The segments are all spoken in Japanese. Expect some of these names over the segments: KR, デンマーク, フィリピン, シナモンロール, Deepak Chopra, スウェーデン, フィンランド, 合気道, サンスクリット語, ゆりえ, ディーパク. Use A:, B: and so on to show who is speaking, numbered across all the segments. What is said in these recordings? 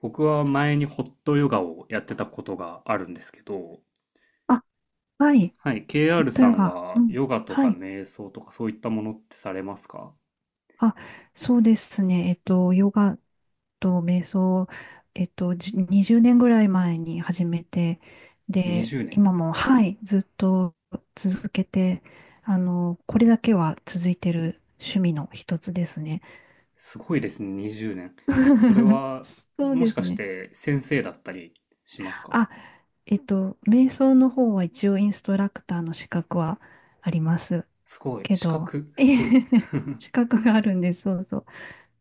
A: 僕は前にホットヨガをやってたことがあるんですけど、
B: あ、はい。
A: はい、
B: ホッ
A: KR
B: ト
A: さ
B: ヨ
A: ん
B: ガ。う
A: は
B: ん。
A: ヨガと
B: は
A: か
B: い。
A: 瞑想とかそういったものってされますか？
B: あ、そうですね。ヨガと瞑想、20年ぐらい前に始めて、で、
A: 20 年？
B: 今も、はい、ずっと続けて、これだけは続いてる趣味の一つですね。
A: すごいですね、20年。それ は、
B: そう
A: も
B: で
A: しか
B: す
A: し
B: ね。
A: て先生だったりしますか？
B: あ、瞑想の方は一応インストラクターの資格はあります
A: すごい、
B: け
A: 資
B: ど、
A: 格、
B: え
A: すごい。
B: へへ資格があるんです。そうそう。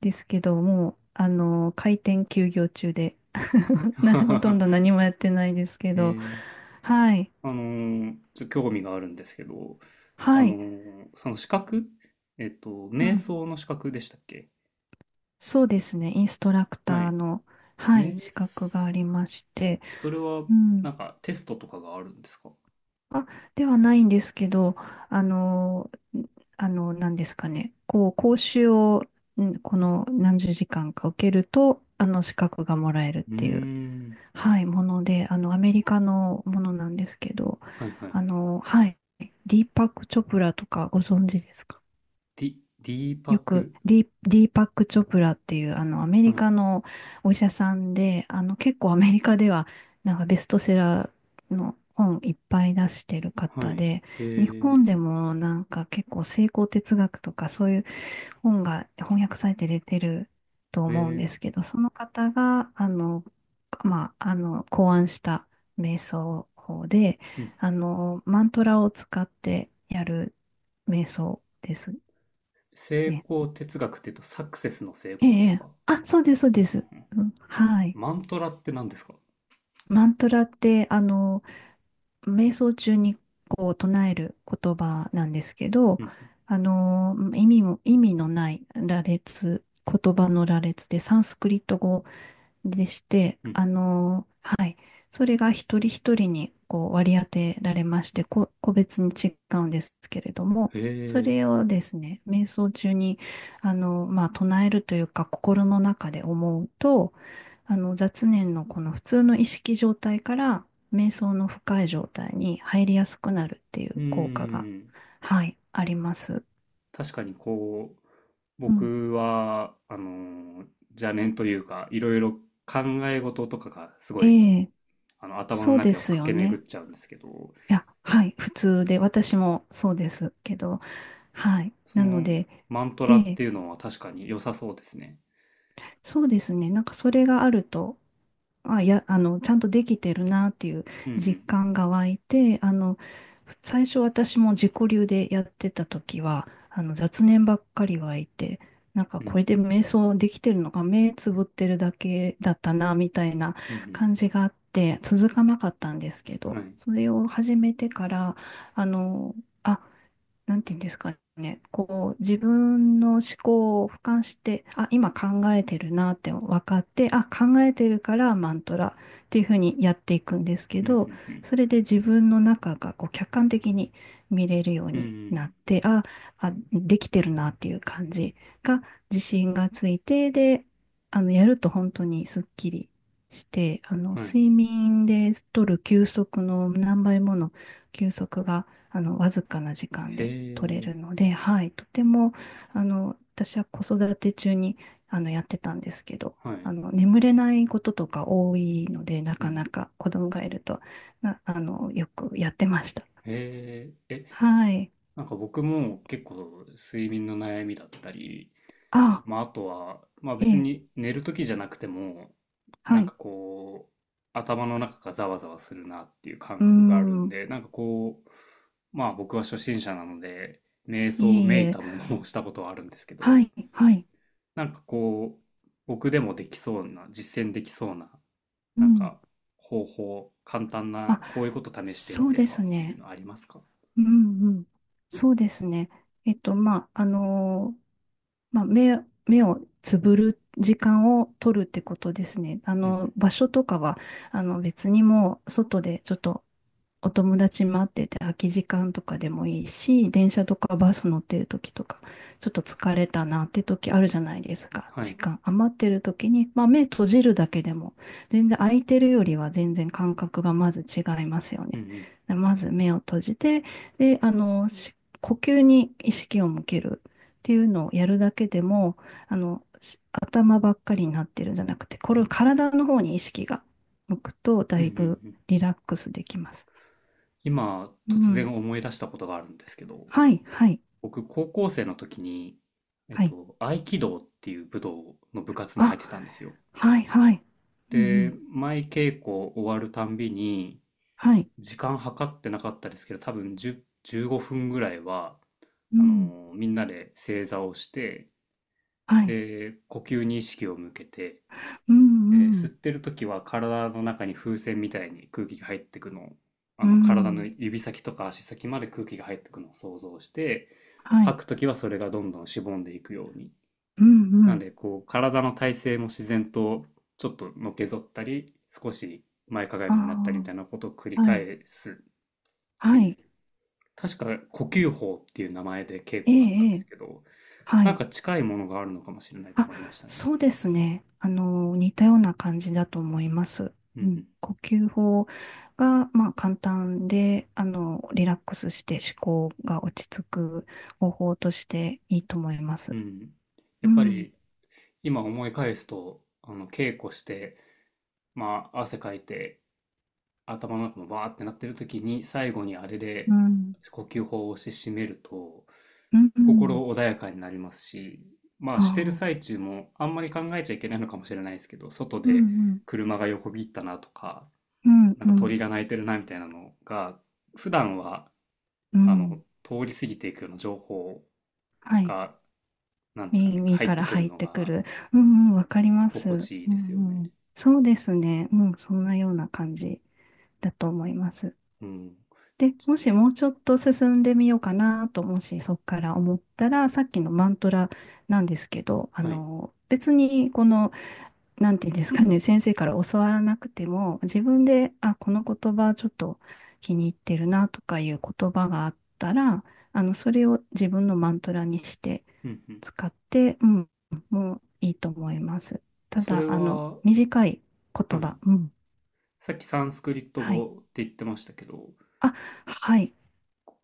B: ですけど、もう、開店休業中で、ほとん ど何もやってないですけ
A: え
B: ど、
A: ー
B: はい、
A: あのちょっと興味があるんですけど、
B: はい、
A: その資格、
B: う
A: 瞑
B: ん、
A: 想の資格でしたっけ？
B: そうですね、インストラク
A: は
B: ター
A: い。
B: の、はい、
A: 瞑
B: 資格がありまして、
A: それは、
B: うん、
A: なんかテストとかがあるんですか？
B: あ、ではないんですけど、あの、なんですかね、こう、講習を、この何十時間か受けると、資格がもらえるっ
A: うー
B: ていう
A: ん。
B: はい、もので、アメリカのものなんですけど、
A: はいはい。
B: はい、ディーパック・チョプラとかご存知ですか？
A: ディーパ
B: よく
A: ク。
B: ディーパック・チョプラっていう、アメリ
A: はい。
B: カのお医者さんで、結構アメリカでは、なんかベストセラーの本いっぱい出してる
A: は
B: 方
A: い。
B: で、
A: え
B: 日
A: ー、
B: 本でもなんか結構成功哲学とかそういう本が翻訳されて出てると思うんで
A: え
B: すけど、その方が、まあ、考案した瞑想法で、
A: うん。
B: マントラを使ってやる瞑想です
A: 成
B: ね。
A: 功哲学って言うとサクセスの成
B: え
A: 功です
B: え、
A: か？
B: あ、そうです、そう
A: うんう
B: で
A: ん、
B: す。
A: うん。
B: うん、はい。
A: マントラって何ですか？
B: マントラって、瞑想中にこう唱える言葉なんですけど、
A: うん
B: 意味のない羅列、言葉の羅列で、サンスクリット語でして、
A: うんうん。
B: はい。それが一人一人にこう割り当てられまして、個別に違うんですけれども、
A: へ
B: そ
A: え。
B: れをですね、瞑想中に、まあ、唱えるというか、心の中で思うと、雑念のこの普通の意識状態から、瞑想の深い状態に入りやすくなるっていう
A: うー
B: 効果が、
A: ん。
B: はい、あります。
A: 確かにこう、
B: うん。
A: 僕は、邪念というか、いろいろ考え事とかがすごい、
B: ええ、
A: 頭の
B: そうで
A: 中を
B: すよ
A: 駆け巡
B: ね。
A: っちゃうんですけど、
B: いや、はい、普通で、私もそうですけど、はい。
A: そ
B: なの
A: の
B: で、
A: マント
B: え
A: ラって
B: え、
A: いうのは確かに良さそうですね。
B: そうですね。なんかそれがあると、あ、いや、ちゃんとできてるなっていう
A: う
B: 実
A: ん
B: 感が湧いて、最初私も自己流でやってた時は、雑念ばっかり湧いて、なんか
A: うん。う
B: これ
A: ん。
B: で瞑想できてるのか、目つぶってるだけだったな、みたいな
A: うんう
B: 感じがあって、続かなかったんですけ
A: ん。
B: ど、
A: はい。
B: それを始めてから、あの、あなんていうんですかね、こう、自分の思考を俯瞰して、あ、今考えてるなって分かって、あ、考えてるからマントラっていうふうにやっていくんですけ
A: うん
B: ど、
A: うんうん。
B: それで自分の中がこう客観的に見れるよう
A: う
B: にな
A: ん
B: って、あ、あ、できてるなっていう感じが自信がついて、で、やると本当にすっきりして、
A: うん。はい。
B: 睡眠で取る休息の何倍もの休息が、わずかな時間
A: へ
B: で、取れ
A: え。
B: るので、はい、とても、私は子育て中に、やってたんですけど、
A: はい。
B: 眠れないこととか多いので、な
A: う
B: かな
A: ん。
B: か子供がいると、な、あの、よくやってました。
A: へえ。え、
B: はい。
A: なんか僕も結構睡眠の悩みだったり、
B: あ、
A: まああとは、まあ
B: え
A: 別
B: え、
A: に寝る時じゃなくても、
B: は
A: なんか
B: い。
A: こう、頭の中がざわざわするなっていう感
B: うー
A: 覚があるん
B: ん、
A: で、なんかこう、まあ僕は初心者なので、瞑
B: い
A: 想
B: えい
A: めい
B: え、
A: たものをしたことはあるんですけ
B: は
A: ど、
B: い、はい。
A: なんかこう、僕でもできそうな、実践できそうな、
B: う
A: なん
B: ん。
A: か方法、簡単な、
B: あ、
A: こういうこと試してみ
B: そう
A: て
B: で
A: は
B: す
A: っていう
B: ね。
A: のありますか？
B: うん、うん。そうですね。まあ、まあ、目、目をつぶる時間を取るってことですね。
A: うんうん。
B: 場所とかは、別にもう外でちょっとお友達待ってて空き時間とかでもいいし、電車とかバス乗ってる時とか、ちょっと疲れたなって時あるじゃないですか。
A: は
B: 時
A: い。
B: 間余ってる時に、まあ目閉じるだけでも、全然空いてるよりは全然感覚がまず違いますよ
A: うんう
B: ね。
A: ん。
B: でまず目を閉じて、で、呼吸に意識を向けるっていうのをやるだけでも、頭ばっかりになってるんじゃなくて、こ
A: う
B: れを
A: ん
B: 体の方に意識が向くと、
A: う
B: だ
A: んう
B: い
A: んう
B: ぶ
A: ん。
B: リラックスできます。
A: 今、
B: う
A: 突
B: ん。
A: 然思い出したことがあるんですけど、
B: はい、はい、
A: 僕、高校生の時に、
B: はい。
A: 合気道っていう武道の部活に入
B: あ、
A: ってたんですよ。
B: はい、はい。うん、う
A: で、
B: ん。
A: 毎稽古終わるたんびに、
B: はい。
A: 時間計ってなかったですけど、多分10、15分ぐらいは、
B: うん、
A: みんなで正座をして、
B: はい。
A: で、呼吸に意識を向けて、
B: うん、う
A: 吸っ
B: ん。
A: てる時は体の中に風船みたいに空気が入ってくのを、
B: う
A: 体の
B: ん、
A: 指先とか足先まで空気が入ってくのを想像して、
B: は
A: 吐
B: い。
A: く時はそれがどんどんしぼんでいくように。
B: うん、う
A: なん
B: ん。
A: で、こう、体の体勢も自然とちょっとのけぞったり、少し前かが
B: あ
A: みになったりみたいなことを繰
B: あ、
A: り
B: はい、
A: 返すって
B: は
A: いう、
B: い。
A: 確か呼吸法っていう名前で稽
B: ええ、
A: 古だったんで
B: え
A: す
B: え、
A: けど、
B: は
A: なん
B: い。
A: か近いものがあるのかもしれないと
B: あ、
A: 思いましたね。
B: そうですね。似たような感じだと思います。
A: う
B: うん。
A: ん
B: 呼吸法が、まあ、簡単で、リラックスして思考が落ち着く方法としていいと思いま
A: う
B: す。
A: ん。うん。や
B: う
A: っぱ
B: ん、
A: り今思い返すと、あの稽古して、まあ汗かいて頭の中もバーってなってる時に最後にあれ
B: う
A: で
B: ん、
A: 呼吸法をして締めると
B: うん、う
A: 心
B: ん。
A: 穏やかになりますし、まあ
B: あ
A: してる
B: あ、
A: 最中もあんまり考えちゃいけないのかもしれないですけど、外
B: うん
A: で
B: うん、
A: 車が横切ったなとか、
B: うん
A: なんか
B: うん、
A: 鳥が鳴いてるなみたいなのが、普段は、
B: うん。
A: 通り過ぎていくような情報
B: はい。
A: が、なんですかね、
B: 耳
A: 入っ
B: か
A: て
B: ら
A: くる
B: 入っ
A: の
B: てく
A: が
B: る。うんうん、わかりま
A: 心
B: す。
A: 地いい
B: う
A: ですよ
B: んう
A: ね。
B: ん。そうですね。うん、そんなような感じだと思います。
A: うん。
B: で、もしもうちょっと進んでみようかなと、もしそこから思ったら、さっきのマントラなんですけど、
A: はい。
B: 別にこのなんていうんですかね、先生から教わらなくても、自分で、あ、この言葉ちょっと気に入ってるなとかいう言葉があったら、それを自分のマントラにして
A: うんうん。
B: 使って、うん、もういいと思います。た
A: それ
B: だ、
A: は、は
B: 短い言
A: い。
B: 葉、うん、
A: さっきサンスクリット
B: は
A: 語
B: い。
A: って言ってましたけど、
B: あ、はい。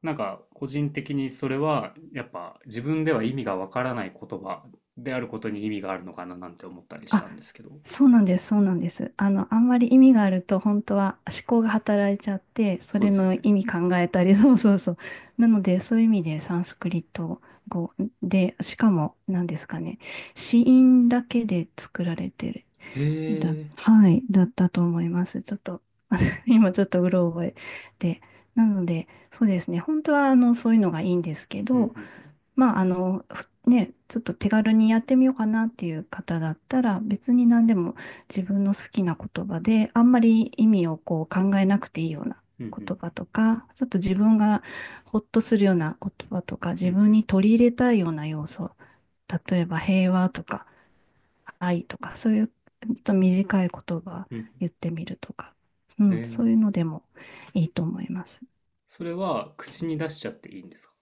A: なんか個人的にそれはやっぱ自分では意味がわからない言葉であることに意味があるのかななんて思ったりした
B: あ、
A: んですけど、
B: そうなんです、そうなんです。あんまり意味があると、本当は思考が働いちゃって、そ
A: そう
B: れ
A: ですよ
B: の意
A: ね。
B: 味考えたり、そうそうそう。なので、そういう意味でサンスクリット語で、しかも、何ですかね、子音だけで作られてる。
A: へえ。
B: はい、だったと思います。ちょっと、今ちょっとうろ覚えで。なので、そうですね、本当は、そういうのがいいんですけ
A: うんう
B: ど、
A: ん
B: まあ、ちょっと手軽にやってみようかなっていう方だったら、別に何でも自分の好きな言葉で、あんまり意味をこう考えなくていいような
A: うん。うん
B: 言
A: う
B: 葉
A: ん
B: とか、ちょっと自分がほっとするような言葉とか、
A: うん。
B: 自
A: うん
B: 分
A: うん
B: に取り入れたいような要素、例えば平和とか愛とか、そういうちょっと短い言葉
A: うん。
B: 言ってみるとか、う
A: へ
B: ん、そ
A: え。
B: ういうのでもいいと思います。
A: それは口に出しちゃっていいんですか？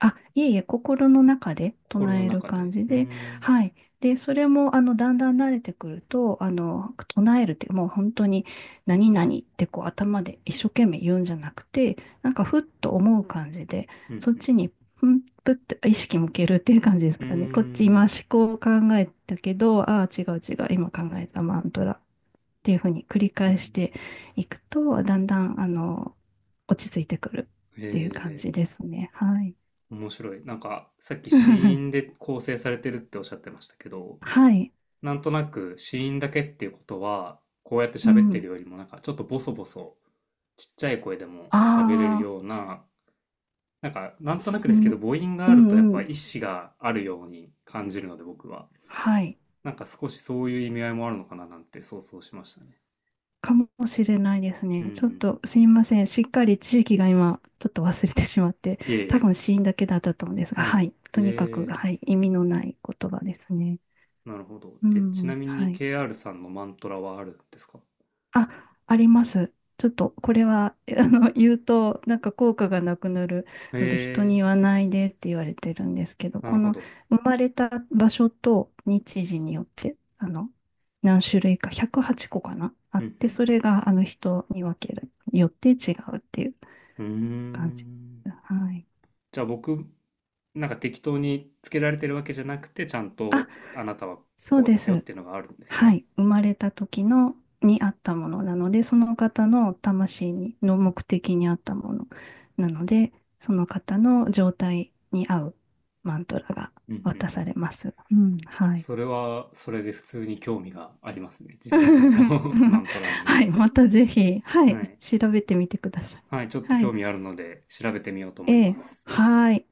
B: あ、いえいえ、心の中で
A: 心
B: 唱
A: の
B: える
A: 中
B: 感
A: で。
B: じ
A: うー
B: で、
A: ん。
B: はい。で、それも、だんだん慣れてくると、唱えるって、もう本当に、何々ってこう、頭で一生懸命言うんじゃなくて、なんか、ふっと思う感じで、
A: うん、
B: そっ
A: うん。
B: ちに、ぷって意識向けるっていう感じです
A: うー
B: かね。こっち、今、
A: ん。
B: 思考を考えたけど、ああ、違う違う、今考えたマントラっていうふうに繰り
A: うん。
B: 返していくと、だんだん、落ち着いてくる
A: へ
B: っていう感
A: え。
B: じですね。はい。
A: 面白い。なんか、さっき子音で 構成されてるっておっしゃってましたけど、
B: はい。
A: なんとなく子音だけっていうことは、こうやって
B: う
A: 喋って
B: ん。
A: るよりも、なんかちょっとボソボソ、ちっちゃい声でも喋れる
B: ああ、
A: ような、なんか、なんとなく
B: す
A: です
B: ん、
A: けど、母音が
B: う
A: ある
B: ん
A: とやっ
B: う
A: ぱ意
B: ん。
A: 思があるように感じるので、僕は。
B: はい。
A: なんか少しそういう意味合いもあるのかななんて想像しましたね。
B: かもしれないです
A: うん
B: ね。
A: う
B: ちょっ
A: ん。
B: とすいません。しっかり地域が今、ちょっと忘れてしまって、
A: いえい
B: 多
A: え。
B: 分死因だけだったと思うんですが、
A: は
B: は
A: い。
B: い。
A: え
B: とにかく、
A: え、
B: はい。意味のない言葉ですね。
A: なるほど。
B: う
A: え、
B: ん
A: ち
B: う
A: な
B: ん、
A: み
B: は
A: に
B: い。
A: KR さんのマントラはあるんですか？
B: あ、あります。ちょっとこれは 言うとなんか効果がなくなる
A: え
B: ので人に言
A: え、
B: わないでって言われてるんですけど、
A: な
B: こ
A: るほ
B: の
A: ど。
B: 生まれた場所と日時によって何種類か108個かなあ
A: う
B: って、そ
A: ん
B: れが人に分けるよって違うっていう
A: うん。うー
B: 感じ。
A: ん。
B: はい。
A: じゃあ僕、なんか適当につけられてるわけじゃなくて、ちゃん
B: あ、
A: とあなたは
B: そう
A: こうで
B: で
A: すよっ
B: す。
A: ていうのがあるんです
B: は
A: ね。
B: い、生まれた時のにあったものなので、その方の魂にの目的にあったものなので、その方の状態に合うマントラが
A: うんうん。
B: 渡されます。うん、はい。
A: それは、それで普通に興味がありますね。自分の、 マントラに。
B: はい、またぜひ、は
A: は
B: い、
A: い。
B: 調べてみてください。
A: はい、ちょっと
B: は
A: 興
B: い。
A: 味あるので調べてみようと思い
B: え
A: ま
B: え、
A: す。
B: はい。